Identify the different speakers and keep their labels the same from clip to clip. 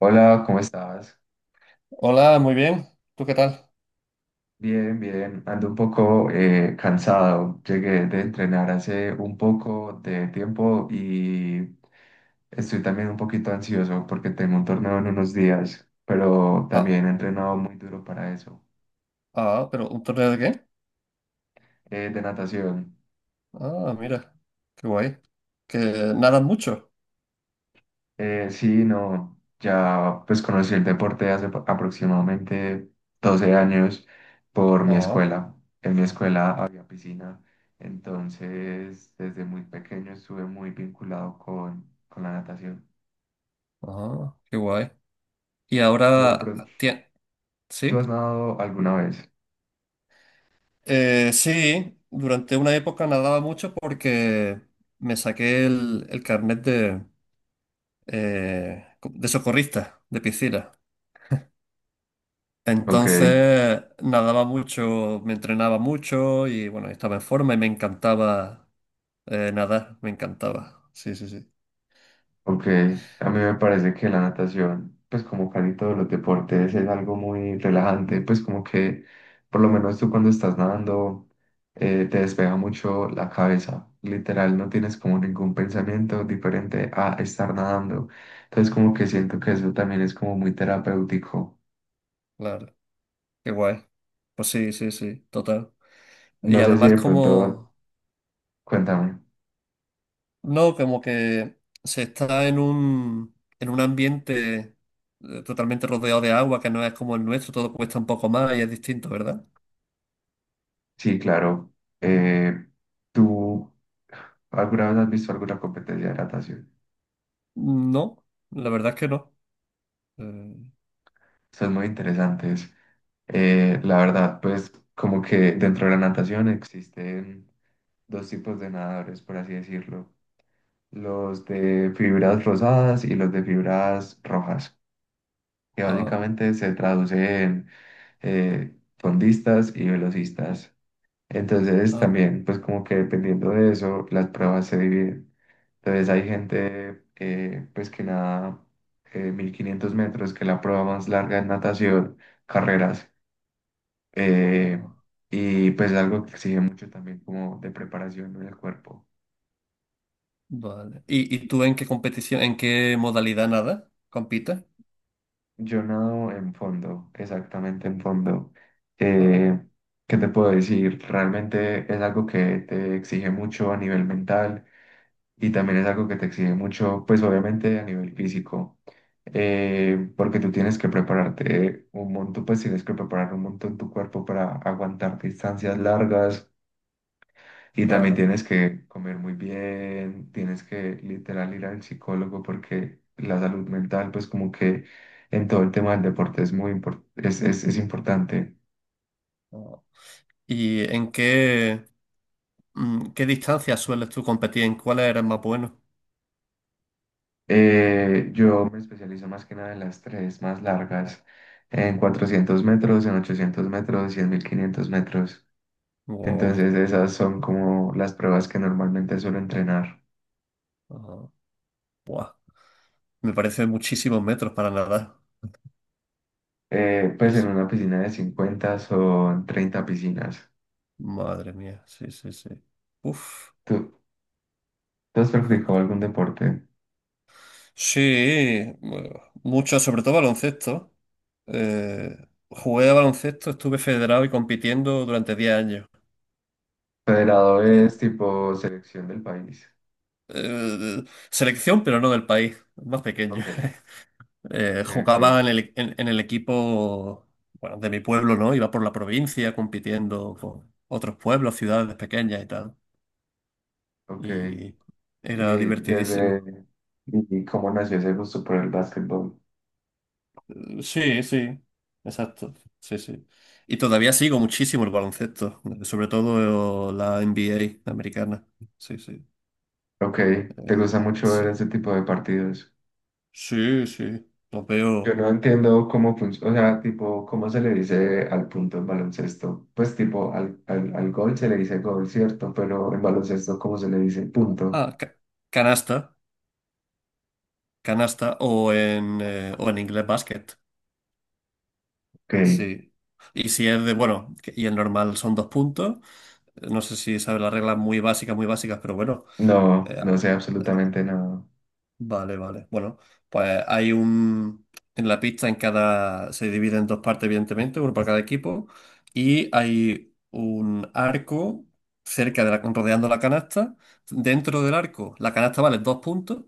Speaker 1: Hola, ¿cómo estás?
Speaker 2: Hola, muy bien. ¿Tú qué tal?
Speaker 1: Bien, bien. Ando un poco cansado. Llegué de entrenar hace un poco de tiempo y estoy también un poquito ansioso porque tengo un torneo en unos días, pero también
Speaker 2: Ah,
Speaker 1: he entrenado muy duro para eso.
Speaker 2: ah, pero ¿un torneo de qué?
Speaker 1: De natación.
Speaker 2: Ah, mira, qué guay. ¿Que nadan mucho?
Speaker 1: Sí, no, ya pues conocí el deporte hace aproximadamente 12 años por mi
Speaker 2: Ah,
Speaker 1: escuela. En mi escuela había piscina, entonces desde muy pequeño estuve muy vinculado con la natación.
Speaker 2: ah, qué guay. Y
Speaker 1: ¿Tú, de
Speaker 2: ahora,
Speaker 1: pron- ¿Tú
Speaker 2: ¿sí?
Speaker 1: has nadado alguna vez?
Speaker 2: Sí, durante una época nadaba mucho porque me saqué el carnet de socorrista de piscina.
Speaker 1: Ok.
Speaker 2: Entonces nadaba mucho, me entrenaba mucho y bueno, estaba en forma y me encantaba nadar, me encantaba. Sí, sí, sí.
Speaker 1: Ok, a mí me parece que la natación, pues como casi todos los deportes, es algo muy relajante, pues como que por lo menos tú cuando estás nadando te despega mucho la cabeza, literal, no tienes como ningún pensamiento diferente a estar nadando, entonces como que siento que eso también es como muy terapéutico.
Speaker 2: Claro, qué guay. Pues sí, sí, sí, total. Y
Speaker 1: No sé si
Speaker 2: además
Speaker 1: de pronto,
Speaker 2: como,
Speaker 1: cuéntame.
Speaker 2: no, como que se está en un ambiente totalmente rodeado de agua, que no es como el nuestro, todo cuesta un poco más y es distinto, ¿verdad?
Speaker 1: Sí, claro, eh, ¿tú alguna vez has visto alguna competencia de natación?
Speaker 2: No, la verdad es que no. Eh,
Speaker 1: Son muy interesantes. La verdad, pues como que dentro de la natación existen dos tipos de nadadores, por así decirlo. Los de fibras rosadas y los de fibras rojas, que
Speaker 2: ah,
Speaker 1: básicamente se traduce en fondistas y velocistas. Entonces
Speaker 2: ah,
Speaker 1: también, pues como que dependiendo de eso, las pruebas se dividen. Entonces hay gente pues que nada 1500 metros, que es la prueba más larga en natación, carreras. Eh,
Speaker 2: ah,
Speaker 1: y pues algo que exige mucho también como de preparación en el cuerpo.
Speaker 2: vale. ¿Y tú en qué competición, en qué modalidad nada compites?
Speaker 1: Yo nado en fondo, exactamente en fondo.
Speaker 2: Ah,
Speaker 1: Eh, ¿Qué te puedo decir? Realmente es algo que te exige mucho a nivel mental y también es algo que te exige mucho, pues obviamente a nivel físico. Porque tú tienes que prepararte un montón, pues tienes que preparar un montón tu cuerpo para aguantar distancias largas. Y también
Speaker 2: claro.
Speaker 1: tienes que comer muy bien, tienes que literal ir al psicólogo porque la salud mental, pues como que en todo el tema del deporte es muy es importante.
Speaker 2: Ah. ¿Y qué distancias sueles tú competir? ¿En cuáles eres más bueno?
Speaker 1: Yo me especializo más que nada en las tres más largas, en 400 metros, en 800 metros y en 1500 metros.
Speaker 2: Wow.
Speaker 1: Entonces esas son como las pruebas que normalmente suelo entrenar.
Speaker 2: Ah, buah. Me parece muchísimos metros para nadar.
Speaker 1: Pues
Speaker 2: Sí,
Speaker 1: en
Speaker 2: sí.
Speaker 1: una piscina de 50 son 30 piscinas.
Speaker 2: Madre mía, sí, sí, sí. Uf.
Speaker 1: ¿Tú, ¿tú has practicado algún deporte?
Speaker 2: Sí, bueno, mucho, sobre todo baloncesto. Eh, jugué a baloncesto, estuve federado y compitiendo durante 10 años.
Speaker 1: Federado
Speaker 2: Eh,
Speaker 1: es tipo selección del país.
Speaker 2: eh, selección, pero no del país, más pequeño.
Speaker 1: Ok,
Speaker 2: Eh,
Speaker 1: ok, ok,
Speaker 2: jugaba en el equipo, bueno, de mi pueblo, ¿no? Iba por la provincia compitiendo con otros pueblos, ciudades pequeñas y tal.
Speaker 1: ok.
Speaker 2: Y
Speaker 1: Y
Speaker 2: era divertidísimo.
Speaker 1: desde... ¿Y cómo nació ese gusto por el básquetbol?
Speaker 2: Sí, sí, exacto. Sí, sí. Y todavía sigo muchísimo el baloncesto, sobre todo la NBA americana. Sí, sí.
Speaker 1: Ok, ¿te
Speaker 2: eh,
Speaker 1: gusta mucho ver
Speaker 2: sí,
Speaker 1: ese tipo de partidos?
Speaker 2: sí, sí. Lo
Speaker 1: Yo
Speaker 2: veo.
Speaker 1: no entiendo cómo funciona, o sea, tipo, ¿cómo se le dice al punto en baloncesto? Pues tipo, al gol se le dice gol, ¿cierto? Pero en baloncesto, ¿cómo se le dice punto?
Speaker 2: Ah, canasta, canasta o o en inglés basket.
Speaker 1: Ok,
Speaker 2: Sí. Y si es de, bueno, y el normal son 2 puntos. No sé si sabes las reglas muy básicas, pero bueno.
Speaker 1: no,
Speaker 2: eh,
Speaker 1: no sé absolutamente nada.
Speaker 2: Vale, vale. Bueno. pues hay un... En la pista se divide en dos partes, evidentemente, uno para cada equipo, y hay un arco rodeando la canasta. Dentro del arco, la canasta vale 2 puntos,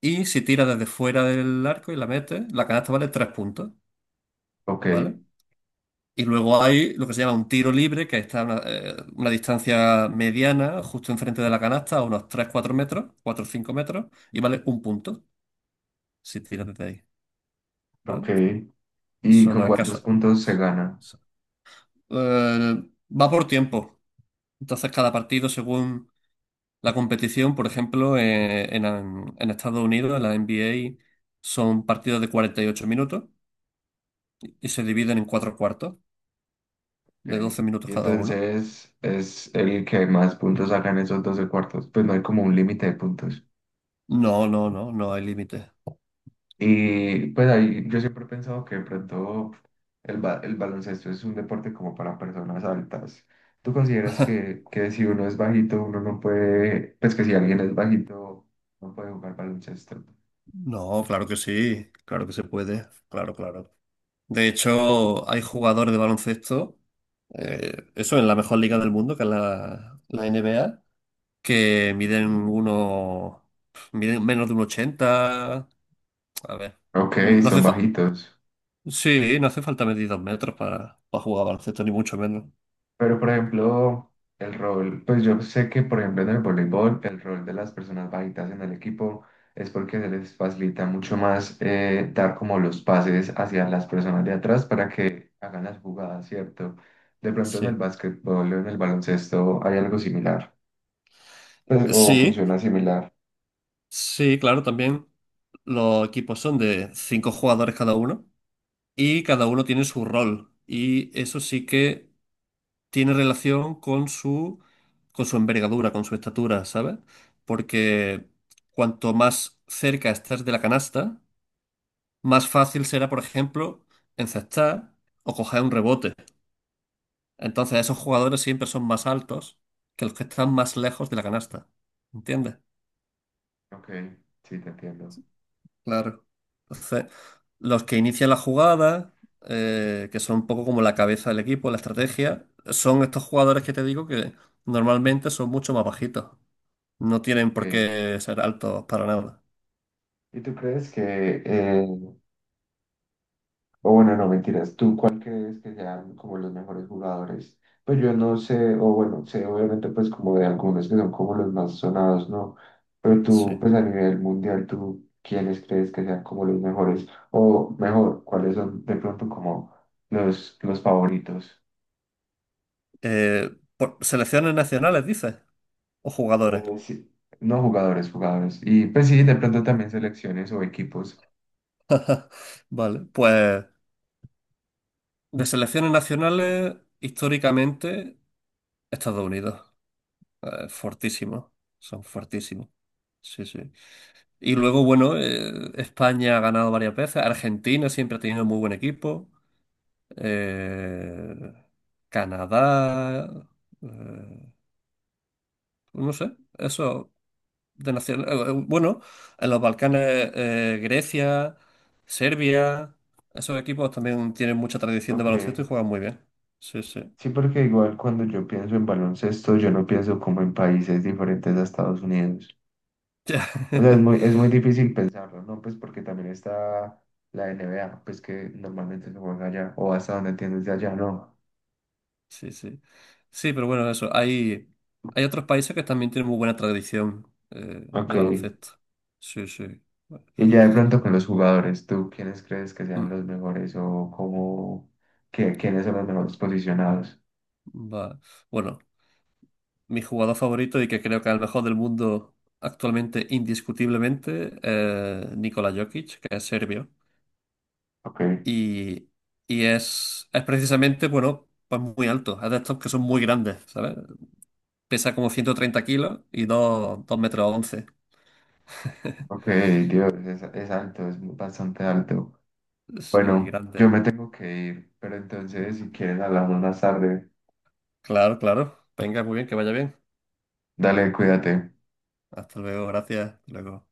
Speaker 2: y si tiras desde fuera del arco y la metes, la canasta vale 3 puntos,
Speaker 1: Ok,
Speaker 2: ¿vale? Y luego hay lo que se llama un tiro libre, que está a una distancia mediana, justo enfrente de la canasta, a unos tres cuatro metros, cuatro o 5 metros, y vale un punto si tiras desde ahí.
Speaker 1: ok.
Speaker 2: ¿Vale?
Speaker 1: ¿Y con
Speaker 2: Solo en
Speaker 1: cuántos
Speaker 2: caso.
Speaker 1: puntos se gana?
Speaker 2: Eh, va por tiempo. Entonces, cada partido, según la competición, por ejemplo, en Estados Unidos, en la NBA, son partidos de 48 minutos y se dividen en cuatro cuartos,
Speaker 1: Ok.
Speaker 2: de 12 minutos
Speaker 1: Y
Speaker 2: cada uno.
Speaker 1: entonces es el que más puntos saca en esos 12 cuartos. Pues no hay como un límite de puntos.
Speaker 2: No, no, no, no hay límite.
Speaker 1: Y pues ahí yo siempre he pensado que de pronto el baloncesto es un deporte como para personas altas. ¿Tú consideras que si uno es bajito, uno no puede, pues que si alguien es bajito, no puede jugar baloncesto?
Speaker 2: No, claro que sí, claro que se puede, claro, claro. De hecho, hay jugadores de baloncesto, eso en la mejor liga del mundo, que es la NBA, que miden menos de 1,80. A ver,
Speaker 1: Ok,
Speaker 2: no
Speaker 1: son
Speaker 2: hace fa-
Speaker 1: bajitos.
Speaker 2: sí, no hace falta medir 2 metros para jugar baloncesto, ni mucho menos.
Speaker 1: Pero, por ejemplo, el rol, pues yo sé que, por ejemplo, en el voleibol, el rol de las personas bajitas en el equipo es porque se les facilita mucho más dar como los pases hacia las personas de atrás para que hagan las jugadas, ¿cierto? De pronto en el
Speaker 2: Sí.
Speaker 1: básquetbol o en el baloncesto hay algo similar, pues, o
Speaker 2: Sí,
Speaker 1: funciona similar.
Speaker 2: sí, claro, también los equipos son de cinco jugadores cada uno y cada uno tiene su rol. Y eso sí que tiene relación con su envergadura, con su estatura, ¿sabes? Porque cuanto más cerca estés de la canasta, más fácil será, por ejemplo, encestar o coger un rebote. Entonces, esos jugadores siempre son más altos que los que están más lejos de la canasta. ¿Entiendes?
Speaker 1: Ok, sí, te entiendo.
Speaker 2: Claro. Entonces, los que inician la jugada, que son un poco como la cabeza del equipo, la estrategia, son estos jugadores que te digo que normalmente son mucho más bajitos. No tienen por
Speaker 1: Ok.
Speaker 2: qué ser altos para nada.
Speaker 1: ¿Y tú crees que o bueno, no, mentiras. ¿Tú cuál crees que sean como los mejores jugadores? Pues yo no sé, o bueno, sé obviamente pues como de algunos que son como los más sonados, ¿no? Pero tú
Speaker 2: Sí.
Speaker 1: pues a nivel mundial, ¿tú quiénes crees que sean como los mejores? O mejor, ¿cuáles son de pronto como los favoritos?
Speaker 2: Eh, selecciones nacionales, dices, o jugadores.
Speaker 1: Sí, no jugadores, jugadores. Y pues sí, de pronto también selecciones o equipos.
Speaker 2: Vale, pues de selecciones nacionales, históricamente, Estados Unidos. Fortísimo. Son fortísimos. Sí, sí. Y luego, bueno, España ha ganado varias veces. Argentina siempre ha tenido muy buen equipo. Eh, Canadá. eh, no sé. Eso. Bueno, en los Balcanes, Grecia, Serbia, esos equipos también tienen mucha tradición de
Speaker 1: Ok,
Speaker 2: baloncesto y juegan muy bien. Sí, sí.
Speaker 1: sí, porque igual cuando yo pienso en baloncesto, yo no pienso como en países diferentes a Estados Unidos. O sea, es muy difícil pensarlo, ¿no? Pues porque también está la NBA, pues que normalmente se juega allá, o hasta donde entiendes de allá, ¿no?
Speaker 2: Sí, sí. Sí, pero bueno, eso. Hay otros países que también tienen muy buena tradición
Speaker 1: Ok.
Speaker 2: de baloncesto. Sí, sí.
Speaker 1: Y ya de pronto con los jugadores, ¿tú quiénes crees que sean
Speaker 2: Mm,
Speaker 1: los mejores o cómo, quiénes son los mejores posicionados?
Speaker 2: va. Bueno, mi jugador favorito y que creo que es el mejor del mundo actualmente, indiscutiblemente, Nikola Jokic, que es serbio.
Speaker 1: Ok.
Speaker 2: Y, y es precisamente, bueno, pues muy alto. Es de estos que son muy grandes, ¿sabes? Pesa como 130 kilos y dos metros once.
Speaker 1: Ok, Dios, es alto, es bastante alto.
Speaker 2: Sí,
Speaker 1: Bueno, yo
Speaker 2: grande.
Speaker 1: me tengo que ir, pero entonces si quieres hablamos más tarde.
Speaker 2: Claro, claro. Venga, muy bien, que vaya bien.
Speaker 1: Dale, cuídate.
Speaker 2: Hasta luego, gracias. Hasta luego.